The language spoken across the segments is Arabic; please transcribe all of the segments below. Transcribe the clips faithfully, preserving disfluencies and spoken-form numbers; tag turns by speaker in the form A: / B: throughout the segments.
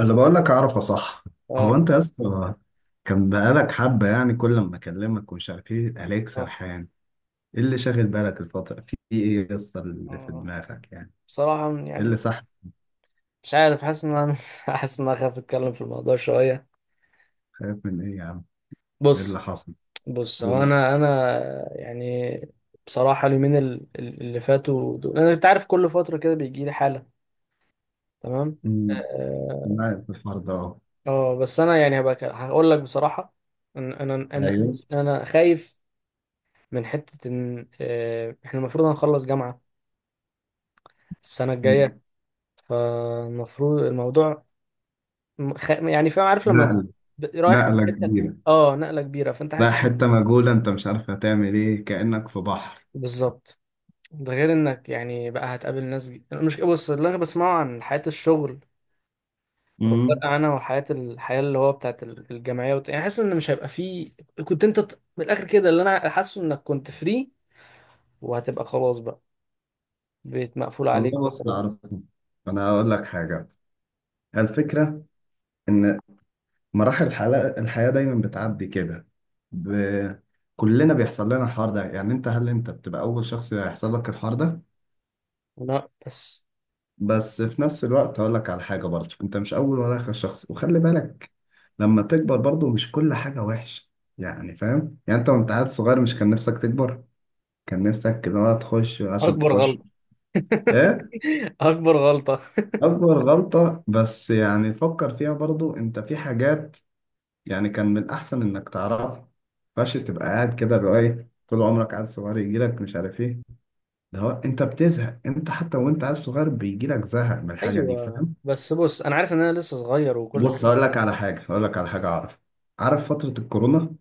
A: اللي بقول لك اعرفه صح.
B: اه،
A: هو انت يا اسطى، كان بقالك حبه، يعني كل ما اكلمك ومش عارف ايه، عليك
B: اه،
A: سرحان. ايه اللي شاغل بالك الفتره؟ في ايه يا اسطى اللي في
B: آه.
A: دماغك يعني؟
B: بصراحة
A: ايه اللي
B: يعني
A: صح؟
B: مش عارف، حاسس ان انا حاسس ان انا خايف اتكلم في الموضوع شوية.
A: خايف من ايه يا عم؟ ايه اللي
B: بص
A: حصل؟
B: بص هو
A: و...
B: انا انا يعني بصراحة اليومين ال- ال- اللي فاتوا دول انا، انت عارف، كل فترة كده بيجي لي حالة. تمام.
A: أمم،
B: اه
A: معايا في الحوار ده اهو.
B: آه، بس انا يعني هبقى ك- هقول لك بصراحة. انا انا انا
A: ايوه.
B: أنا خايف من حتة ان آه، احنا المفروض هنخلص جامعة السنة
A: أمم،
B: الجاية، فالمفروض الموضوع م- خ... يعني فاهم، عارف لما تبقى
A: نقله
B: ب- رايح من
A: نقله
B: حته.
A: كبيره
B: اه، نقله كبيره، فانت
A: لا،
B: حاسس إنك-
A: حته مجهوله، انت مش عارف هتعمل ايه، كانك في بحر.
B: بالظبط. ده غير انك يعني بقى هتقابل ناس، ج- مش بص اللي انا بسمعه عن حياه الشغل او فرق
A: امم.
B: عنها وحياه الحياه اللي هو بتاعت ال- الجامعيه، وت... يعني حاسس ان مش هيبقى فيه. كنت انت ط- من الاخر كده اللي انا حاسه انك كنت فري، وهتبقى خلاص بقى بيت مقفول عليك
A: والله بص،
B: بقى.
A: اعرفه. انا هقول لك حاجه. الفكره ان مراحل الحياة الحياة دايما بتعدي كده. ب... كلنا بيحصل لنا الحوار ده، يعني انت هل انت بتبقى اول شخص يحصل لك الحوار ده؟
B: لا بس
A: بس في نفس الوقت هقول لك على حاجة برضه، انت مش اول ولا اخر شخص وخلي بالك. لما تكبر برضه مش كل حاجة وحشة. يعني فاهم، يعني انت وانت عيل صغير مش كان نفسك تكبر؟ كان نفسك كده بقى تخش عشان
B: اكبر
A: تخش.
B: غلطه.
A: ايه
B: اكبر غلطه.
A: اكبر غلطة؟ بس يعني فكر فيها برضه، انت في حاجات يعني كان من الأحسن إنك تعرف. فش تبقى قاعد كده اللي هو إيه طول عمرك عيل صغير يجيلك مش عارف إيه. ده هو أنت بتزهق، أنت حتى وأنت عيل صغير بيجيلك زهق من الحاجة دي،
B: ايوه،
A: فاهم.
B: بس بص، انا عارف ان انا لسه صغير وكل
A: بص
B: حاجه.
A: هقول لك على حاجة هقول لك على حاجة أعرف عارف فترة الكورونا؟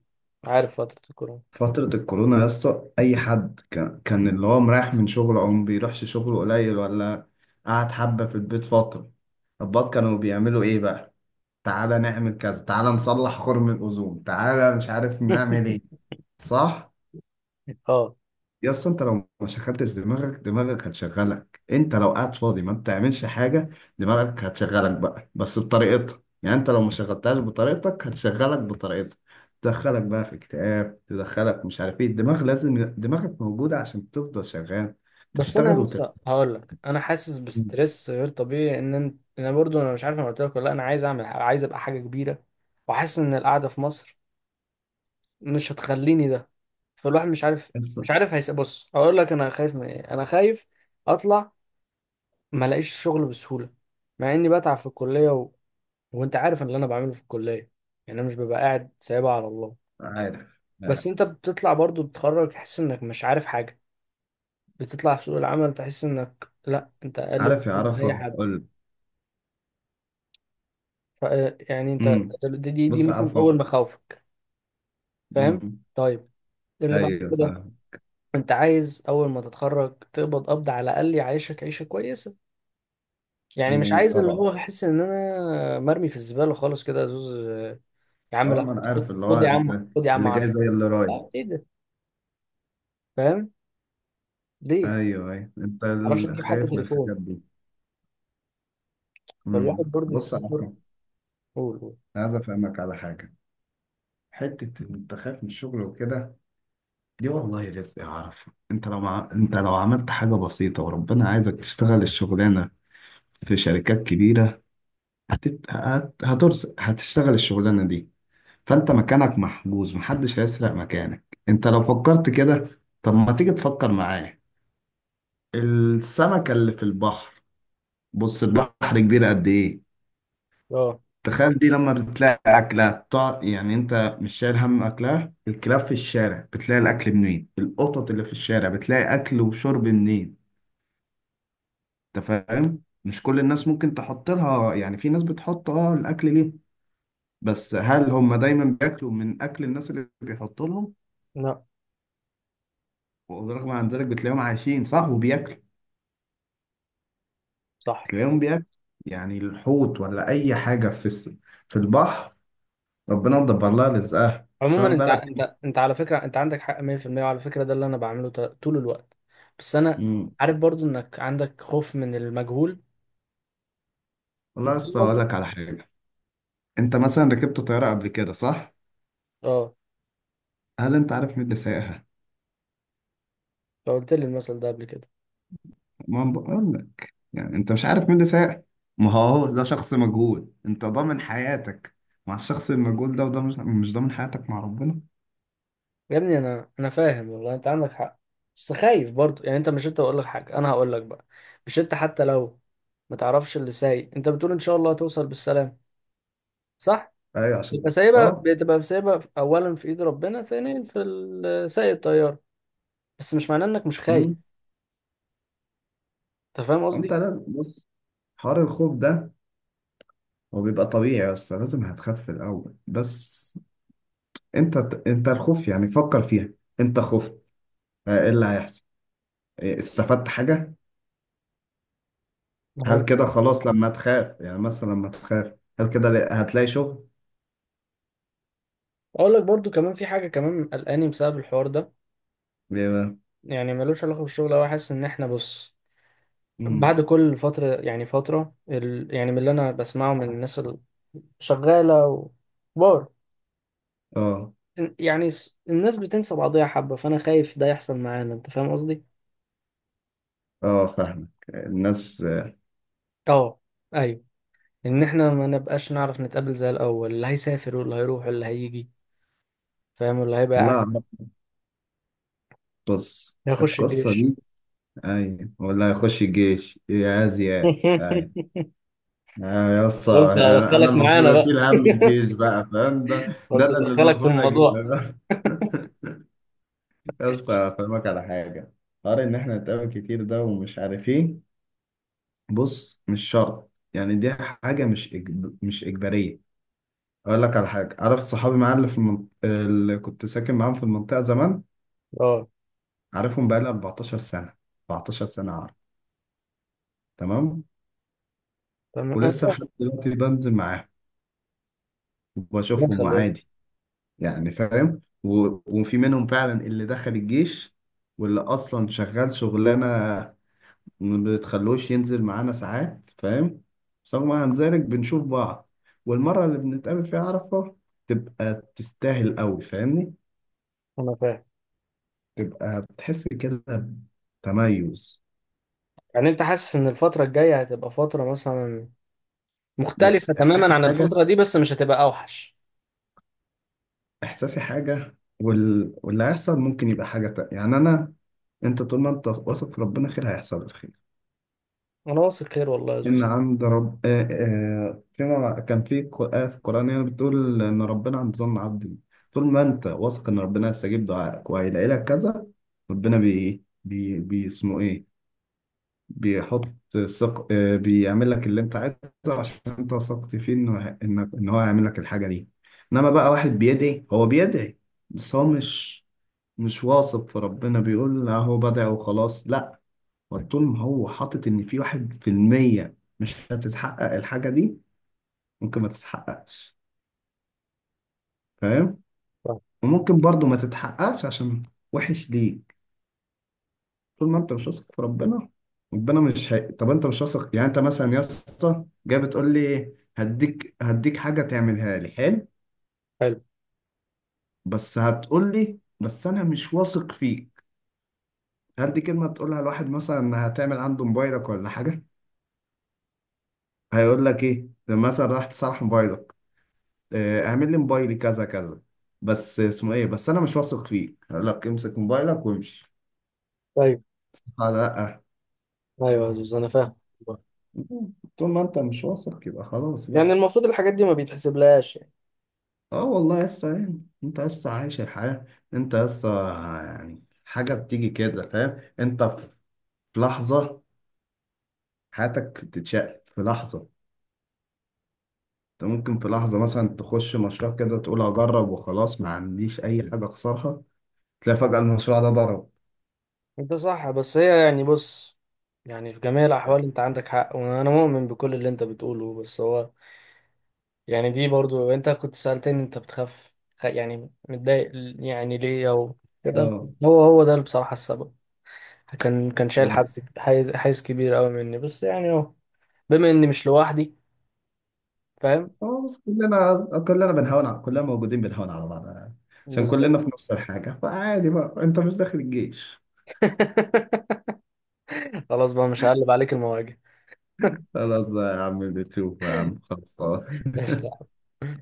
B: عارف فتره الكورونا.
A: فترة الكورونا يا اسطى، أي حد كان كان اللي هو مريح من شغله أو ما بيروحش شغله قليل، ولا قعد حبة في البيت فترة؟ الضباط كانوا بيعملوا إيه بقى؟ تعالى نعمل كذا، تعالى نصلح خرم الأوزون، تعالى مش عارف نعمل إيه. صح.
B: اه
A: يا اسطى، انت لو ما شغلتش دماغك، دماغك هتشغلك. انت لو قاعد فاضي ما بتعملش حاجه، دماغك هتشغلك بقى، بس بطريقتها. يعني انت لو ما شغلتهاش بطريقتك هتشغلك بطريقتها. تدخلك بقى في اكتئاب، تدخلك مش عارف ايه. الدماغ لازم دماغك موجوده عشان تفضل شغال،
B: بس
A: تشتغل
B: انا
A: وتر.
B: لسه هقول لك، انا حاسس بستريس غير طبيعي، ان انت، انا برضو انا مش عارف انا قلت لك ولا لا، انا عايز اعمل حاجة. عايز ابقى حاجه كبيره، وحاسس ان القعده في مصر مش هتخليني ده. فالواحد مش عارف
A: بس
B: مش عارف هيس، بص هقول لك انا خايف من ايه، انا خايف اطلع ما الاقيش شغل بسهوله مع اني بتعب في الكليه و... وانت عارف اللي انا بعمله في الكليه، يعني انا مش ببقى قاعد سايبها على الله.
A: عارف عارف
B: بس انت بتطلع برضو، بتتخرج تحس انك مش عارف حاجه، بتطلع في سوق العمل تحس انك، لا انت اقل
A: عارف يا
B: بكتير من اي
A: عرفه،
B: حد.
A: قول.
B: ف- يعني انت
A: امم.
B: دي دي, دي
A: بص يا
B: مثلا اول
A: عرفه.
B: مخاوفك، فاهم؟
A: امم.
B: طيب، اللي بعد
A: ايوه
B: كده
A: فاهم.
B: انت عايز اول ما تتخرج تقبض، قبض على الاقل يعيشك عيشه كويسه، يعني مش
A: امم.
B: عايز اللي
A: طبعا.
B: هو احس ان انا مرمي في الزباله خالص كده، زوز. يا عم
A: اه،
B: لا،
A: ما انا
B: خد
A: عارف
B: خد-
A: اللي هو
B: خد يا عم،
A: انت،
B: خد يا عم
A: اللي جاي
B: عشرة.
A: زي اللي رايح.
B: اه ايه ده؟ فاهم؟ ليه؟
A: ايوه ايوه، انت
B: ما تعرفش
A: ال-
B: تجيب حتى
A: خايف من
B: تليفون.
A: الحاجات دي.
B: فالواحد
A: امم.
B: برضه
A: بص يا
B: بيفكر.
A: احمد،
B: قول قول.
A: عايز افهمك على حاجه. حته إن انت خايف من الشغل وكده، دي والله رزق. اعرف، انت لو مع... انت لو عملت حاجه بسيطه وربنا عايزك تشتغل الشغلانه في شركات كبيره، هتت... هت... هترزق، هتشتغل الشغلانه دي. فانت مكانك محجوز، محدش هيسرق مكانك. انت لو فكرت كده، طب ما تيجي تفكر معايا السمكه اللي في البحر. بص البحر كبير قد ايه،
B: اه.
A: تخيل. دي لما بتلاقي أكلة بتاع، يعني أنت مش شايل هم أكلها. الكلاب في الشارع بتلاقي الأكل منين؟ القطط اللي في الشارع بتلاقي أكل وشرب منين؟ أنت فاهم، مش كل الناس ممكن تحط لها. يعني في ناس بتحط أه الأكل ليه، بس هل هم دايما بياكلوا من أكل الناس اللي بيحطوا لهم؟
B: لا
A: ورغم عن ذلك بتلاقيهم عايشين صح وبياكلوا.
B: صح.
A: تلاقيهم بياكلوا. يعني الحوت ولا أي حاجة في الس- في البحر، ربنا مدبر لها رزقها.
B: عموما
A: فاهم
B: انت، ع-
A: بالك.
B: انت انت على فكره، انت عندك حق مية في المية وعلى فكره ده اللي انا بعمله ط- طول الوقت. بس انا
A: مم.
B: عارف برضو انك عندك خوف من المجهول،
A: والله
B: انت فاهم
A: لسه هقول
B: قصدي؟
A: لك على حاجة. انت مثلا ركبت طياره قبل كده، صح؟
B: اه.
A: هل انت عارف مين اللي سايقها؟
B: لو قلت لي المثل ده قبل كده.
A: ما أنا بقول لك. يعني انت مش عارف مين اللي سايقها. ما هو ده شخص مجهول، انت ضامن حياتك مع الشخص المجهول ده، وده مش مش ضامن حياتك مع ربنا؟
B: يا ابني انا انا فاهم والله، انت عندك حق. بس خايف برضو، يعني انت مش، انت بقول لك حاجه انا هقول لك بقى، مش انت حتى لو ما تعرفش اللي سايق، انت بتقول ان شاء الله هتوصل بالسلام، صح؟
A: ايوه عشان
B: بتبقى
A: ده
B: سايبها،
A: اه.
B: بتبقى سايبها اولا في ايد ربنا، ثانيا في ال- سايق الطياره. بس مش معناه انك مش خايف،
A: امم.
B: انت فاهم
A: انت
B: قصدي؟
A: لازم بص، حوار الخوف ده هو بيبقى طبيعي، بس لازم هتخاف في الاول. بس انت انت الخوف، يعني فكر فيها. انت خفت، اه، ايه اللي هيحصل؟ ايه، استفدت حاجه؟
B: ما
A: هل
B: هو
A: كده خلاص لما تخاف؟ يعني مثلا لما تخاف هل كده ل- هتلاقي شغل؟
B: اقول لك برضو كمان، في حاجه كمان قلقاني بسبب الحوار ده.
A: ليه بقى؟
B: يعني ملوش علاقه بالشغل أوي، حاسس ان احنا بص
A: مم.
B: بعد كل فتره، يعني فتره ال... يعني من اللي انا بسمعه من الناس الشغاله وبار،
A: اه
B: يعني س- الناس بتنسى بعضيها حبه، فانا خايف ده يحصل معانا، انت فاهم قصدي؟
A: اه فاهمك الناس.
B: اه. ايوه، ان احنا ما نبقاش نعرف نتقابل زي الاول، اللي هيسافر واللي هيروح واللي هيجي، فاهم، واللي هيبقى
A: والله
B: قاعد
A: أعرف. بص
B: هيخش
A: القصة
B: الجيش.
A: دي. أي، ولا هيخش الجيش يا زياد؟ أي. آه، يا اسطى
B: قلت
A: يعني أنا
B: ادخلك معانا
A: المفروض
B: بقى،
A: أشيل هم الجيش بقى فاهم ده؟ ده
B: قلت
A: أنا اللي
B: ادخلك في
A: المفروض
B: الموضوع.
A: أجيبه. يا اسطى أفهمك على حاجة. حوار إن إحنا نتقابل كتير ده ومش عارف إيه، بص مش شرط. يعني دي حاجة مش إجب... مش إجبارية. اقول لك على حاجه. عارف صحابي معايا اللي في المنط... اللي كنت ساكن معاهم في المنطقه زمان؟
B: اه
A: عارفهم بقالي اربعتاشر سنة سنه. اربعة عشر سنة سنه، عارف. تمام.
B: تمام
A: ولسه
B: انا.
A: لحد دلوقتي بنزل معاهم
B: ربنا
A: وبشوفهم،
B: يخليهم.
A: وعادي يعني، فاهم. و... وفي منهم فعلا اللي دخل الجيش، واللي اصلا شغال شغلانه ما بتخلوش ينزل معانا ساعات، فاهم. بس هو مع ذلك بنشوف بعض، والمره اللي بنتقابل فيها عارفه تبقى تستاهل قوي فاهمني،
B: انا فاهم.
A: تبقى بتحس كده، بتميز.
B: يعني انت حاسس ان الفترة الجاية هتبقى فترة مثلا مختلفة
A: بص
B: تماما
A: احساسي
B: عن
A: حاجة،
B: الفترة دي، بس مش هتبقى اوحش.
A: احساسي حاجة وال... واللي هيحصل ممكن يبقى حاجة تانية. يعني انا انت طول ما انت واثق في ربنا خير، هيحصل الخير.
B: انا واثق خير والله يا
A: ان
B: زوز.
A: عند رب آه. آه فيما كان في ق- آية في القرآن يعني بتقول ان ربنا عند ظن عبده. طول ما انت واثق ان ربنا هيستجيب دعائك وهيلاقي لك كذا، ربنا بي بي بي اسمه ايه، بيحط، ثق آه، بيعمل لك اللي انت عايزه، عشان انت وثقت فيه انه انك ان هو يعمل لك الحاجه دي. انما بقى واحد بيدعي، هو بيدعي بس هو مش مش واثق في ربنا، بيقول لا، هو بدع وخلاص، لا. هو طول ما هو حاطط ان في واحد في المية مش هتتحقق الحاجه دي، ممكن ما تتحققش، فاهم.
B: صح.
A: وممكن برضو ما تتحققش عشان وحش ليه؟ طول ما انت مش واثق في ربنا، ربنا مش هي... طب انت مش واثق. يعني انت مثلا يا اسطى جاي بتقول لي هديك هديك حاجه تعملها لي حلو،
B: حلو.
A: بس هتقول لي بس انا مش واثق فيك، هل دي كلمه تقولها لواحد مثلا هتعمل عنده موبايلك ولا حاجه؟ هيقول لك ايه لما مثلا راح تصلح موبايلك؟ اه، اعمل لي موبايلي كذا كذا، بس اسمه ايه، بس انا مش واثق فيك، هقول لك امسك موبايلك وامشي.
B: طيب.
A: لا لا.
B: ايوه يا زوز انا فاهم. والله.
A: طول ما انت مش واثق يبقى خلاص بقى.
B: يعني المفروض الحاجات دي ما بيتحسبلهاش يعني.
A: اه والله، لسه يعني انت لسه عايش الحياة. انت لسه يعني حاجة بتيجي كده فاهم. انت في لحظة حياتك بتتشقلب في لحظة. انت ممكن في لحظة مثلا تخش مشروع كده، تقول هجرب وخلاص، ما عنديش اي حاجة اخسرها. تلاقي فجأة المشروع ده ضرب.
B: انت صح، بس هي يعني بص، يعني في جميع الاحوال انت عندك حق وانا مؤمن بكل اللي انت بتقوله. بس هو يعني دي برضو، انت كنت سألتني انت بتخاف، خ- يعني متضايق يعني، ليه او كده.
A: اه.
B: هو هو ده بصراحة السبب. كان كان شايل
A: مم.
B: حز حيز حيز كبير قوي مني، بس يعني اهو. بما اني مش لوحدي، فاهم.
A: خلاص، كلنا كلنا بنهون على كلنا، موجودين بنهون على بعض يعني. عشان
B: بالظبط.
A: كلنا في نفس الحاجة، فعادي بقى انت مش داخل الجيش.
B: خلاص بقى، مش هقلب عليك المواجع.
A: خلاص بقى يا عم، بتشوف يا عم، خلاص.
B: لا، مش تعرف.